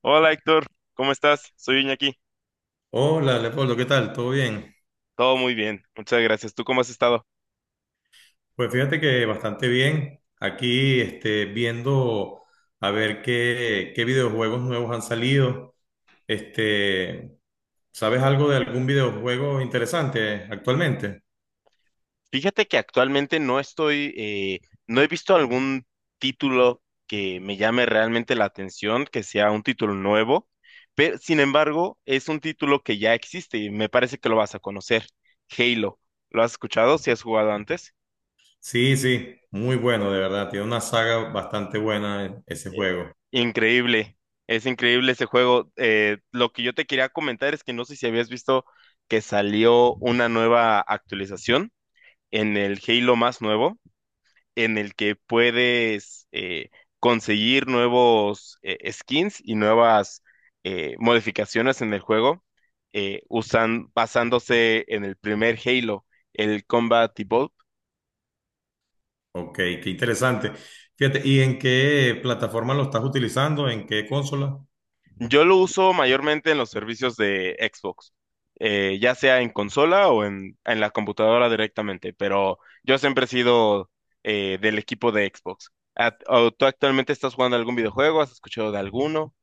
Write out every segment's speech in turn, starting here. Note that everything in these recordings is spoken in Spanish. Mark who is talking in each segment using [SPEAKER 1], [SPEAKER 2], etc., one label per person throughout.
[SPEAKER 1] Hola Héctor, ¿cómo estás? Soy Iñaki.
[SPEAKER 2] Hola, Leopoldo, ¿qué tal? ¿Todo bien?
[SPEAKER 1] Todo muy bien, muchas gracias. ¿Tú cómo has estado?
[SPEAKER 2] Pues fíjate que bastante bien. Aquí viendo a ver qué videojuegos nuevos han salido. Este, ¿sabes algo de algún videojuego interesante actualmente?
[SPEAKER 1] Fíjate que actualmente no estoy, no he visto algún título que me llame realmente la atención, que sea un título nuevo, pero sin embargo es un título que ya existe y me parece que lo vas a conocer, Halo. ¿Lo has escuchado? ¿Si has jugado antes?
[SPEAKER 2] Sí, sí, muy bueno, de verdad. Tiene una saga bastante buena ese
[SPEAKER 1] Eh,
[SPEAKER 2] juego.
[SPEAKER 1] Increíble, es increíble ese juego. Lo que yo te quería comentar es que no sé si habías visto que salió una nueva actualización en el Halo más nuevo, en el que puedes conseguir nuevos skins y nuevas modificaciones en el juego, basándose en el primer Halo, el Combat Evolved.
[SPEAKER 2] Ok, qué interesante. Fíjate, ¿y en qué plataforma lo estás utilizando? ¿En qué consola?
[SPEAKER 1] Yo lo uso mayormente en los servicios de Xbox, ya sea en consola o en la computadora directamente, pero yo siempre he sido del equipo de Xbox. ¿A- o ¿Tú actualmente estás jugando algún videojuego? ¿Has escuchado de alguno?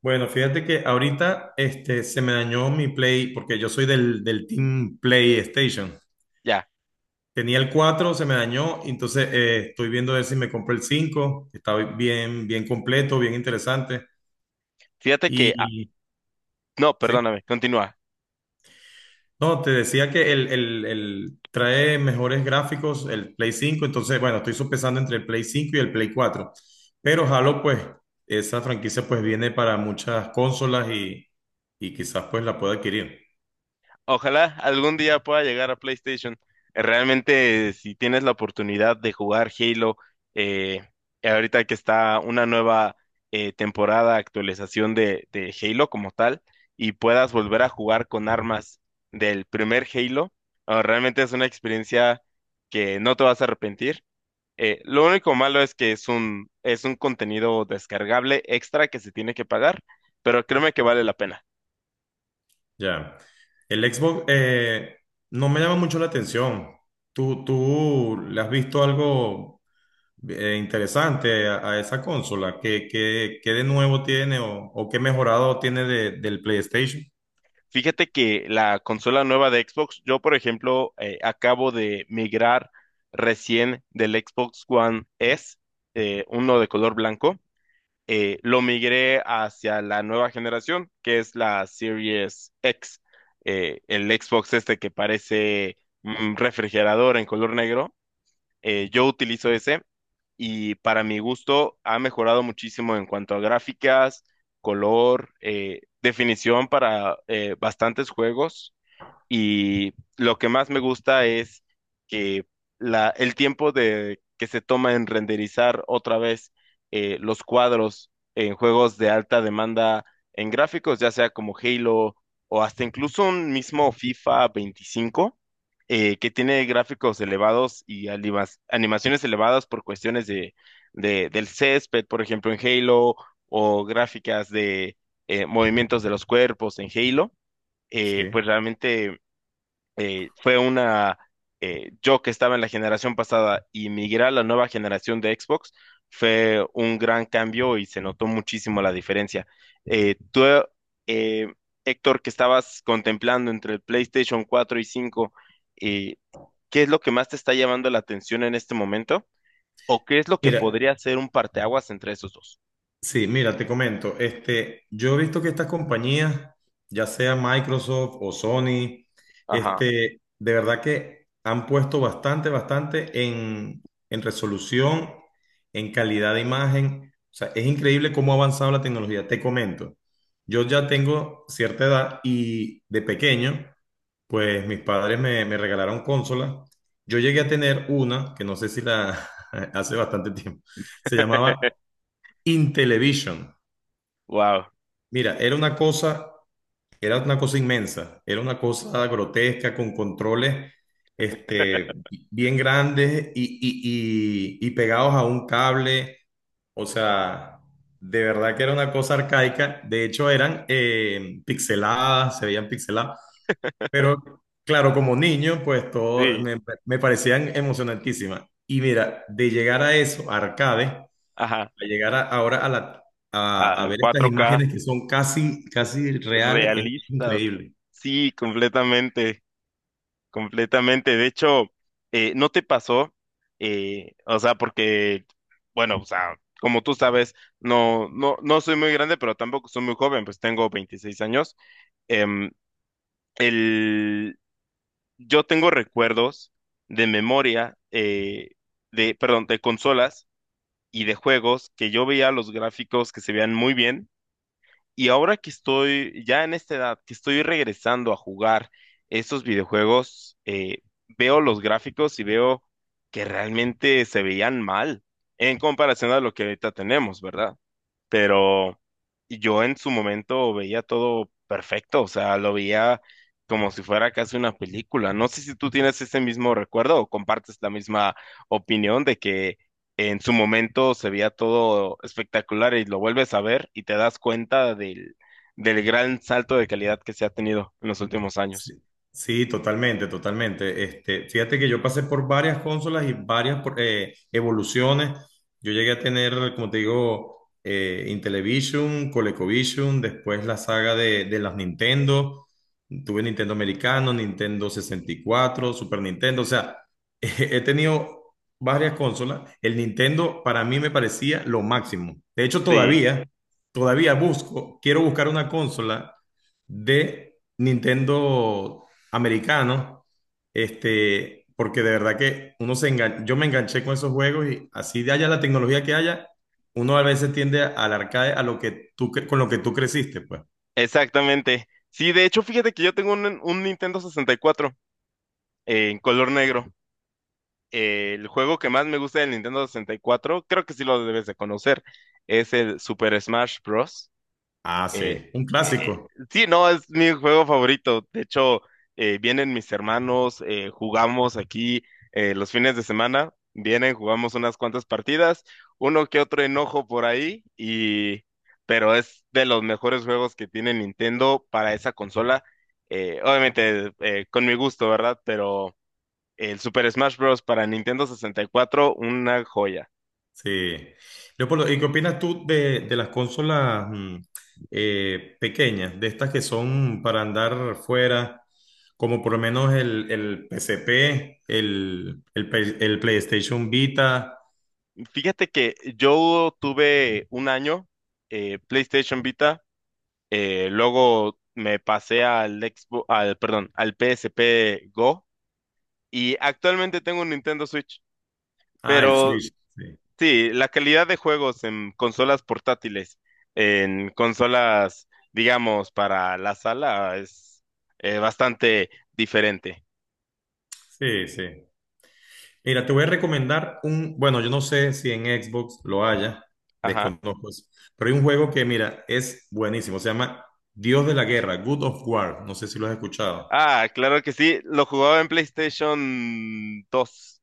[SPEAKER 2] Bueno, fíjate que ahorita se me dañó mi Play, porque yo soy del Team PlayStation.
[SPEAKER 1] Ya.
[SPEAKER 2] Tenía el 4, se me dañó, y entonces estoy viendo a ver si me compré el cinco, que está bien, bien completo, bien interesante.
[SPEAKER 1] Fíjate que,
[SPEAKER 2] Y
[SPEAKER 1] no,
[SPEAKER 2] sí,
[SPEAKER 1] perdóname, continúa.
[SPEAKER 2] no, te decía que el trae mejores gráficos el Play 5. Entonces bueno, estoy sopesando entre el Play 5 y el Play 4. Pero Halo, pues, esa franquicia pues viene para muchas consolas y quizás pues la pueda adquirir.
[SPEAKER 1] Ojalá algún día pueda llegar a PlayStation. Realmente, si tienes la oportunidad de jugar Halo, eh, ahorita que está una nueva temporada, actualización de Halo como tal, y puedas volver a jugar con armas del primer Halo, realmente es una experiencia que no te vas a arrepentir. Lo único malo es que es un contenido descargable extra que se tiene que pagar, pero créeme que vale la pena.
[SPEAKER 2] Ya. El Xbox no me llama mucho la atención. ¿Tú le has visto algo interesante a esa consola? ¿Qué de nuevo tiene o qué mejorado tiene del PlayStation?
[SPEAKER 1] Fíjate que la consola nueva de Xbox, yo por ejemplo acabo de migrar recién del Xbox One S, uno de color blanco, lo migré hacia la nueva generación, que es la Series X, el Xbox este que parece un refrigerador en color negro. Yo utilizo ese y para mi gusto ha mejorado muchísimo en cuanto a gráficas, color, definición para bastantes juegos. Y lo que más me gusta es que el tiempo que se toma en renderizar otra vez los cuadros en juegos de alta demanda en gráficos, ya sea como Halo o hasta incluso un mismo FIFA 25, que tiene gráficos elevados y animaciones elevadas por cuestiones del césped, por ejemplo, en Halo, o gráficas de movimientos de los cuerpos en Halo, pues
[SPEAKER 2] Sí.
[SPEAKER 1] realmente eh, fue una, yo que estaba en la generación pasada y migrar a la nueva generación de Xbox fue un gran cambio y se notó muchísimo la diferencia. Tú, eh, Héctor, que estabas contemplando entre el PlayStation 4 y cinco, eh, ¿qué es lo que más te está llamando la atención en este momento? ¿O qué es lo que
[SPEAKER 2] Mira,
[SPEAKER 1] podría ser un parteaguas entre esos dos?
[SPEAKER 2] Sí, mira, te comento, yo he visto que estas compañías, ya sea Microsoft o Sony,
[SPEAKER 1] Ajá,
[SPEAKER 2] de verdad que han puesto bastante, bastante en resolución, en calidad de imagen. O sea, es increíble cómo ha avanzado la tecnología. Te comento, yo ya tengo cierta edad y de pequeño, pues mis padres me regalaron consolas. Yo llegué a tener una, que no sé si la hace bastante tiempo, se llamaba Intellivision.
[SPEAKER 1] wow,
[SPEAKER 2] Mira, era una cosa inmensa, era una cosa grotesca con controles este, bien grandes y pegados a un cable. O sea, de verdad que era una cosa arcaica. De hecho, eran pixeladas, se veían pixeladas. Pero claro, como niño, pues todo
[SPEAKER 1] sí,
[SPEAKER 2] me parecían emocionantísimas. Y mira, de llegar a eso, a arcade,
[SPEAKER 1] ajá,
[SPEAKER 2] ahora a
[SPEAKER 1] a
[SPEAKER 2] ver estas
[SPEAKER 1] 4K
[SPEAKER 2] imágenes que son casi, casi reales, es
[SPEAKER 1] realistas,
[SPEAKER 2] increíble.
[SPEAKER 1] sí, completamente. Completamente. De hecho, ¿no te pasó? O sea, porque, bueno, o sea, como tú sabes, no, no, no soy muy grande, pero tampoco soy muy joven, pues tengo 26 años. Em, el, yo tengo recuerdos de memoria, de, perdón, de consolas y de juegos que yo veía los gráficos que se veían muy bien, y ahora que estoy ya en esta edad, que estoy regresando a jugar estos videojuegos, veo los gráficos y veo que realmente se veían mal en comparación a lo que ahorita tenemos, ¿verdad? Pero yo en su momento veía todo perfecto, o sea, lo veía como si fuera casi una película. No sé si tú tienes ese mismo recuerdo o compartes la misma opinión de que en su momento se veía todo espectacular y lo vuelves a ver y te das cuenta del gran salto de calidad que se ha tenido en los últimos
[SPEAKER 2] Sí,
[SPEAKER 1] años.
[SPEAKER 2] sí, totalmente, totalmente. Este, fíjate que yo pasé por varias consolas y varias evoluciones. Yo llegué a tener, como te digo, Intellivision, ColecoVision, después la saga de las Nintendo. Tuve Nintendo americano, Nintendo 64, Super Nintendo. O sea, he tenido varias consolas. El Nintendo para mí me parecía lo máximo. De hecho,
[SPEAKER 1] Sí,
[SPEAKER 2] todavía, todavía busco, quiero buscar una consola de Nintendo americano, este, porque de verdad que yo me enganché con esos juegos y así de haya la tecnología que haya, uno a veces tiende al arcade a lo que con lo que tú creciste, pues.
[SPEAKER 1] exactamente. Sí, de hecho, fíjate que yo tengo un Nintendo 64 en color negro. El juego que más me gusta del Nintendo 64, creo que sí lo debes de conocer, es el Super Smash Bros.
[SPEAKER 2] Ah,
[SPEAKER 1] Eh,
[SPEAKER 2] sí, un
[SPEAKER 1] eh,
[SPEAKER 2] clásico.
[SPEAKER 1] sí, no, es mi juego favorito. De hecho, vienen mis hermanos, jugamos aquí los fines de semana, vienen, jugamos unas cuantas partidas, uno que otro enojo por ahí, pero es de los mejores juegos que tiene Nintendo para esa consola. Obviamente, con mi gusto, ¿verdad? Pero... El Super Smash Bros. Para Nintendo 64, una joya.
[SPEAKER 2] Sí. Leopoldo, ¿y qué opinas tú de las consolas pequeñas, de estas que son para andar fuera, como por lo menos el PSP, el PlayStation Vita?
[SPEAKER 1] Fíjate que yo tuve un año PlayStation Vita, luego me pasé al Xbox, al, perdón, al PSP Go, y actualmente tengo un Nintendo Switch.
[SPEAKER 2] Ah, el
[SPEAKER 1] Pero
[SPEAKER 2] Switch. Sí,
[SPEAKER 1] sí, la calidad de juegos en consolas portátiles, en consolas, digamos, para la sala es bastante diferente.
[SPEAKER 2] sí, sí. Mira, te voy a recomendar bueno, yo no sé si en Xbox lo haya,
[SPEAKER 1] Ajá.
[SPEAKER 2] desconozco eso, pero hay un juego que, mira, es buenísimo, se llama Dios de la Guerra, God of War, no sé si lo has escuchado.
[SPEAKER 1] Ah, claro que sí, lo jugaba en PlayStation 2.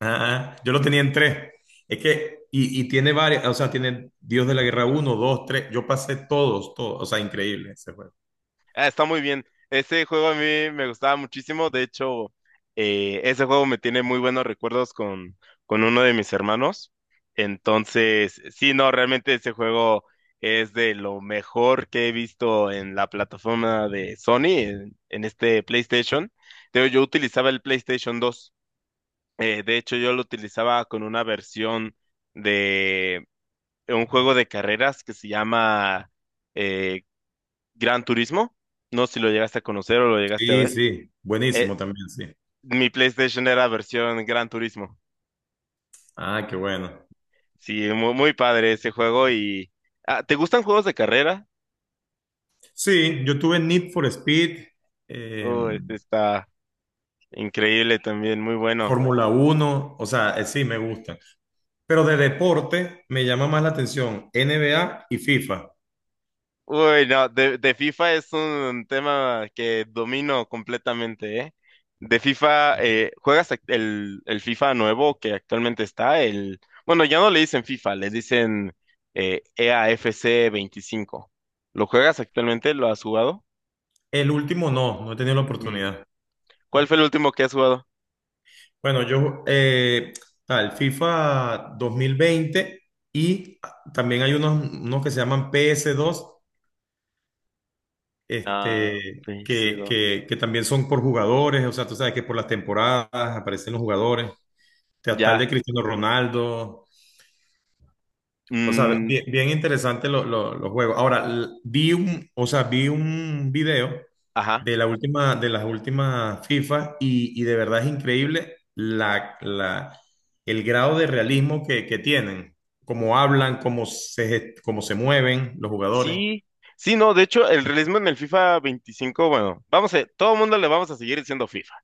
[SPEAKER 2] Ah, ah, yo lo tenía en tres. Es que, y tiene varias, o sea, tiene Dios de la Guerra uno, 2, 3. Yo pasé todos, todos, o sea, increíble ese juego.
[SPEAKER 1] Ah, está muy bien. Ese juego a mí me gustaba muchísimo. De hecho, ese juego me tiene muy buenos recuerdos con uno de mis hermanos. Entonces, sí, no, realmente ese juego es de lo mejor que he visto en la plataforma de Sony, en este PlayStation. Yo utilizaba el PlayStation 2. De hecho, yo lo utilizaba con una versión de un juego de carreras que se llama eh, Gran Turismo. No sé si lo llegaste a conocer o lo llegaste a
[SPEAKER 2] Sí,
[SPEAKER 1] ver.
[SPEAKER 2] sí, buenísimo
[SPEAKER 1] Eh,
[SPEAKER 2] también, sí.
[SPEAKER 1] Mi PlayStation era versión Gran Turismo.
[SPEAKER 2] Ah, qué bueno.
[SPEAKER 1] Sí, muy, muy padre ese juego y... Ah, ¿te gustan juegos de carrera?
[SPEAKER 2] Sí, yo tuve Need for Speed,
[SPEAKER 1] Oh, este
[SPEAKER 2] em,
[SPEAKER 1] está increíble también, muy bueno.
[SPEAKER 2] Fórmula uno, o sea, sí, me gustan. Pero de deporte me llama más la atención NBA y FIFA.
[SPEAKER 1] Uy, no, de FIFA es un tema que domino completamente, ¿eh? De FIFA, ¿juegas el FIFA nuevo que actualmente está? El, bueno, ya no le dicen FIFA, le dicen EAFC 25. ¿Lo juegas actualmente? ¿Lo has jugado?
[SPEAKER 2] El último no, no he tenido la
[SPEAKER 1] Mm.
[SPEAKER 2] oportunidad.
[SPEAKER 1] ¿Cuál fue el último que has jugado?
[SPEAKER 2] Bueno, yo, FIFA 2020 y también hay unos que se llaman PS2,
[SPEAKER 1] Ah,
[SPEAKER 2] este,
[SPEAKER 1] pc
[SPEAKER 2] que,
[SPEAKER 1] dos.
[SPEAKER 2] que, que también son por jugadores, o sea, tú sabes que por las temporadas aparecen los jugadores. Hasta el
[SPEAKER 1] Ya.
[SPEAKER 2] de Cristiano Ronaldo. O sea,
[SPEAKER 1] Mm,
[SPEAKER 2] bien, bien interesante los juegos. Ahora, o sea, vi un video
[SPEAKER 1] ajá.
[SPEAKER 2] de la última, de las últimas FIFA y de verdad es increíble el grado de realismo que tienen, cómo hablan, cómo se mueven los jugadores.
[SPEAKER 1] Sí, sí, no, de hecho, el realismo en el FIFA 25, bueno, todo el mundo le vamos a seguir diciendo FIFA.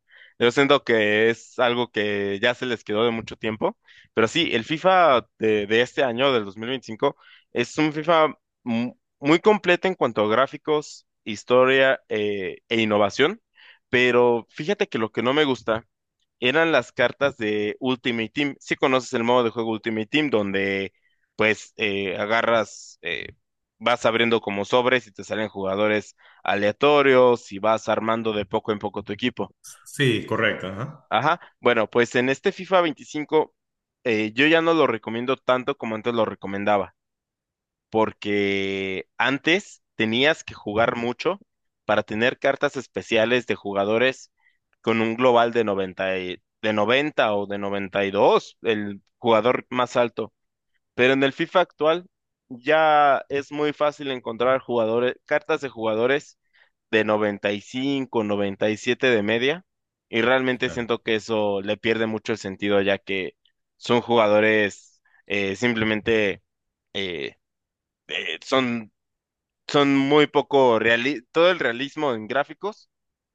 [SPEAKER 1] Yo siento que es algo que ya se les quedó de mucho tiempo, pero sí, el FIFA de este año, del 2025, es un FIFA muy completo en cuanto a gráficos, historia, e innovación, pero fíjate que lo que no me gusta eran las cartas de Ultimate Team. Si conoces el modo de juego Ultimate Team, donde pues vas abriendo como sobres y te salen jugadores aleatorios y vas armando de poco en poco tu equipo.
[SPEAKER 2] Sí, correcto, ajá.
[SPEAKER 1] Ajá, bueno, pues en este FIFA 25, yo ya no lo recomiendo tanto como antes lo recomendaba, porque antes tenías que jugar mucho para tener cartas especiales de jugadores con un global de de 90 o de 92, el jugador más alto. Pero en el FIFA actual ya es muy fácil encontrar jugadores, cartas de jugadores de 90, 95, 97 de media. Y realmente siento que eso le pierde mucho el sentido, ya que son jugadores simplemente eh, son son muy poco reali todo el realismo en gráficos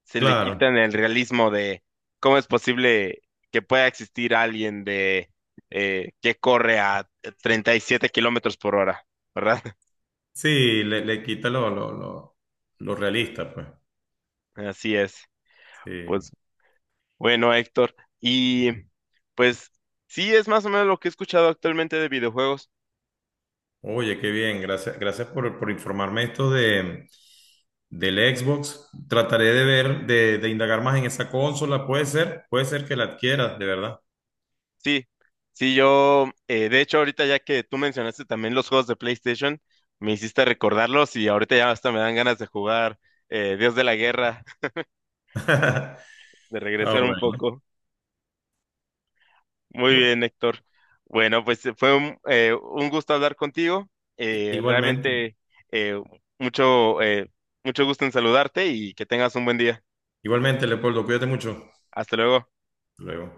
[SPEAKER 1] se le
[SPEAKER 2] Claro.
[SPEAKER 1] quitan el realismo de cómo es posible que pueda existir alguien de que corre a 37 km/h, ¿verdad?
[SPEAKER 2] Sí, le quita lo realista, pues.
[SPEAKER 1] Así es.
[SPEAKER 2] Sí.
[SPEAKER 1] Pues bueno, Héctor. Y pues sí, es más o menos lo que he escuchado actualmente de videojuegos.
[SPEAKER 2] Oye, qué bien, gracias, gracias por informarme esto del Xbox. Trataré de ver, de indagar más en esa consola. Puede ser que la adquieras, de verdad.
[SPEAKER 1] Sí, sí, yo, de hecho, ahorita ya que tú mencionaste también los juegos de PlayStation, me hiciste recordarlos y ahorita ya hasta me dan ganas de jugar Dios de la Guerra, de
[SPEAKER 2] Ah,
[SPEAKER 1] regresar un
[SPEAKER 2] bueno.
[SPEAKER 1] poco. Muy
[SPEAKER 2] Bueno,
[SPEAKER 1] bien, Héctor. Bueno, pues fue un gusto hablar contigo.
[SPEAKER 2] igualmente,
[SPEAKER 1] Realmente, eh, mucho, mucho gusto en saludarte y que tengas un buen día.
[SPEAKER 2] igualmente, Leopoldo, cuídate mucho. Hasta
[SPEAKER 1] Hasta luego.
[SPEAKER 2] luego.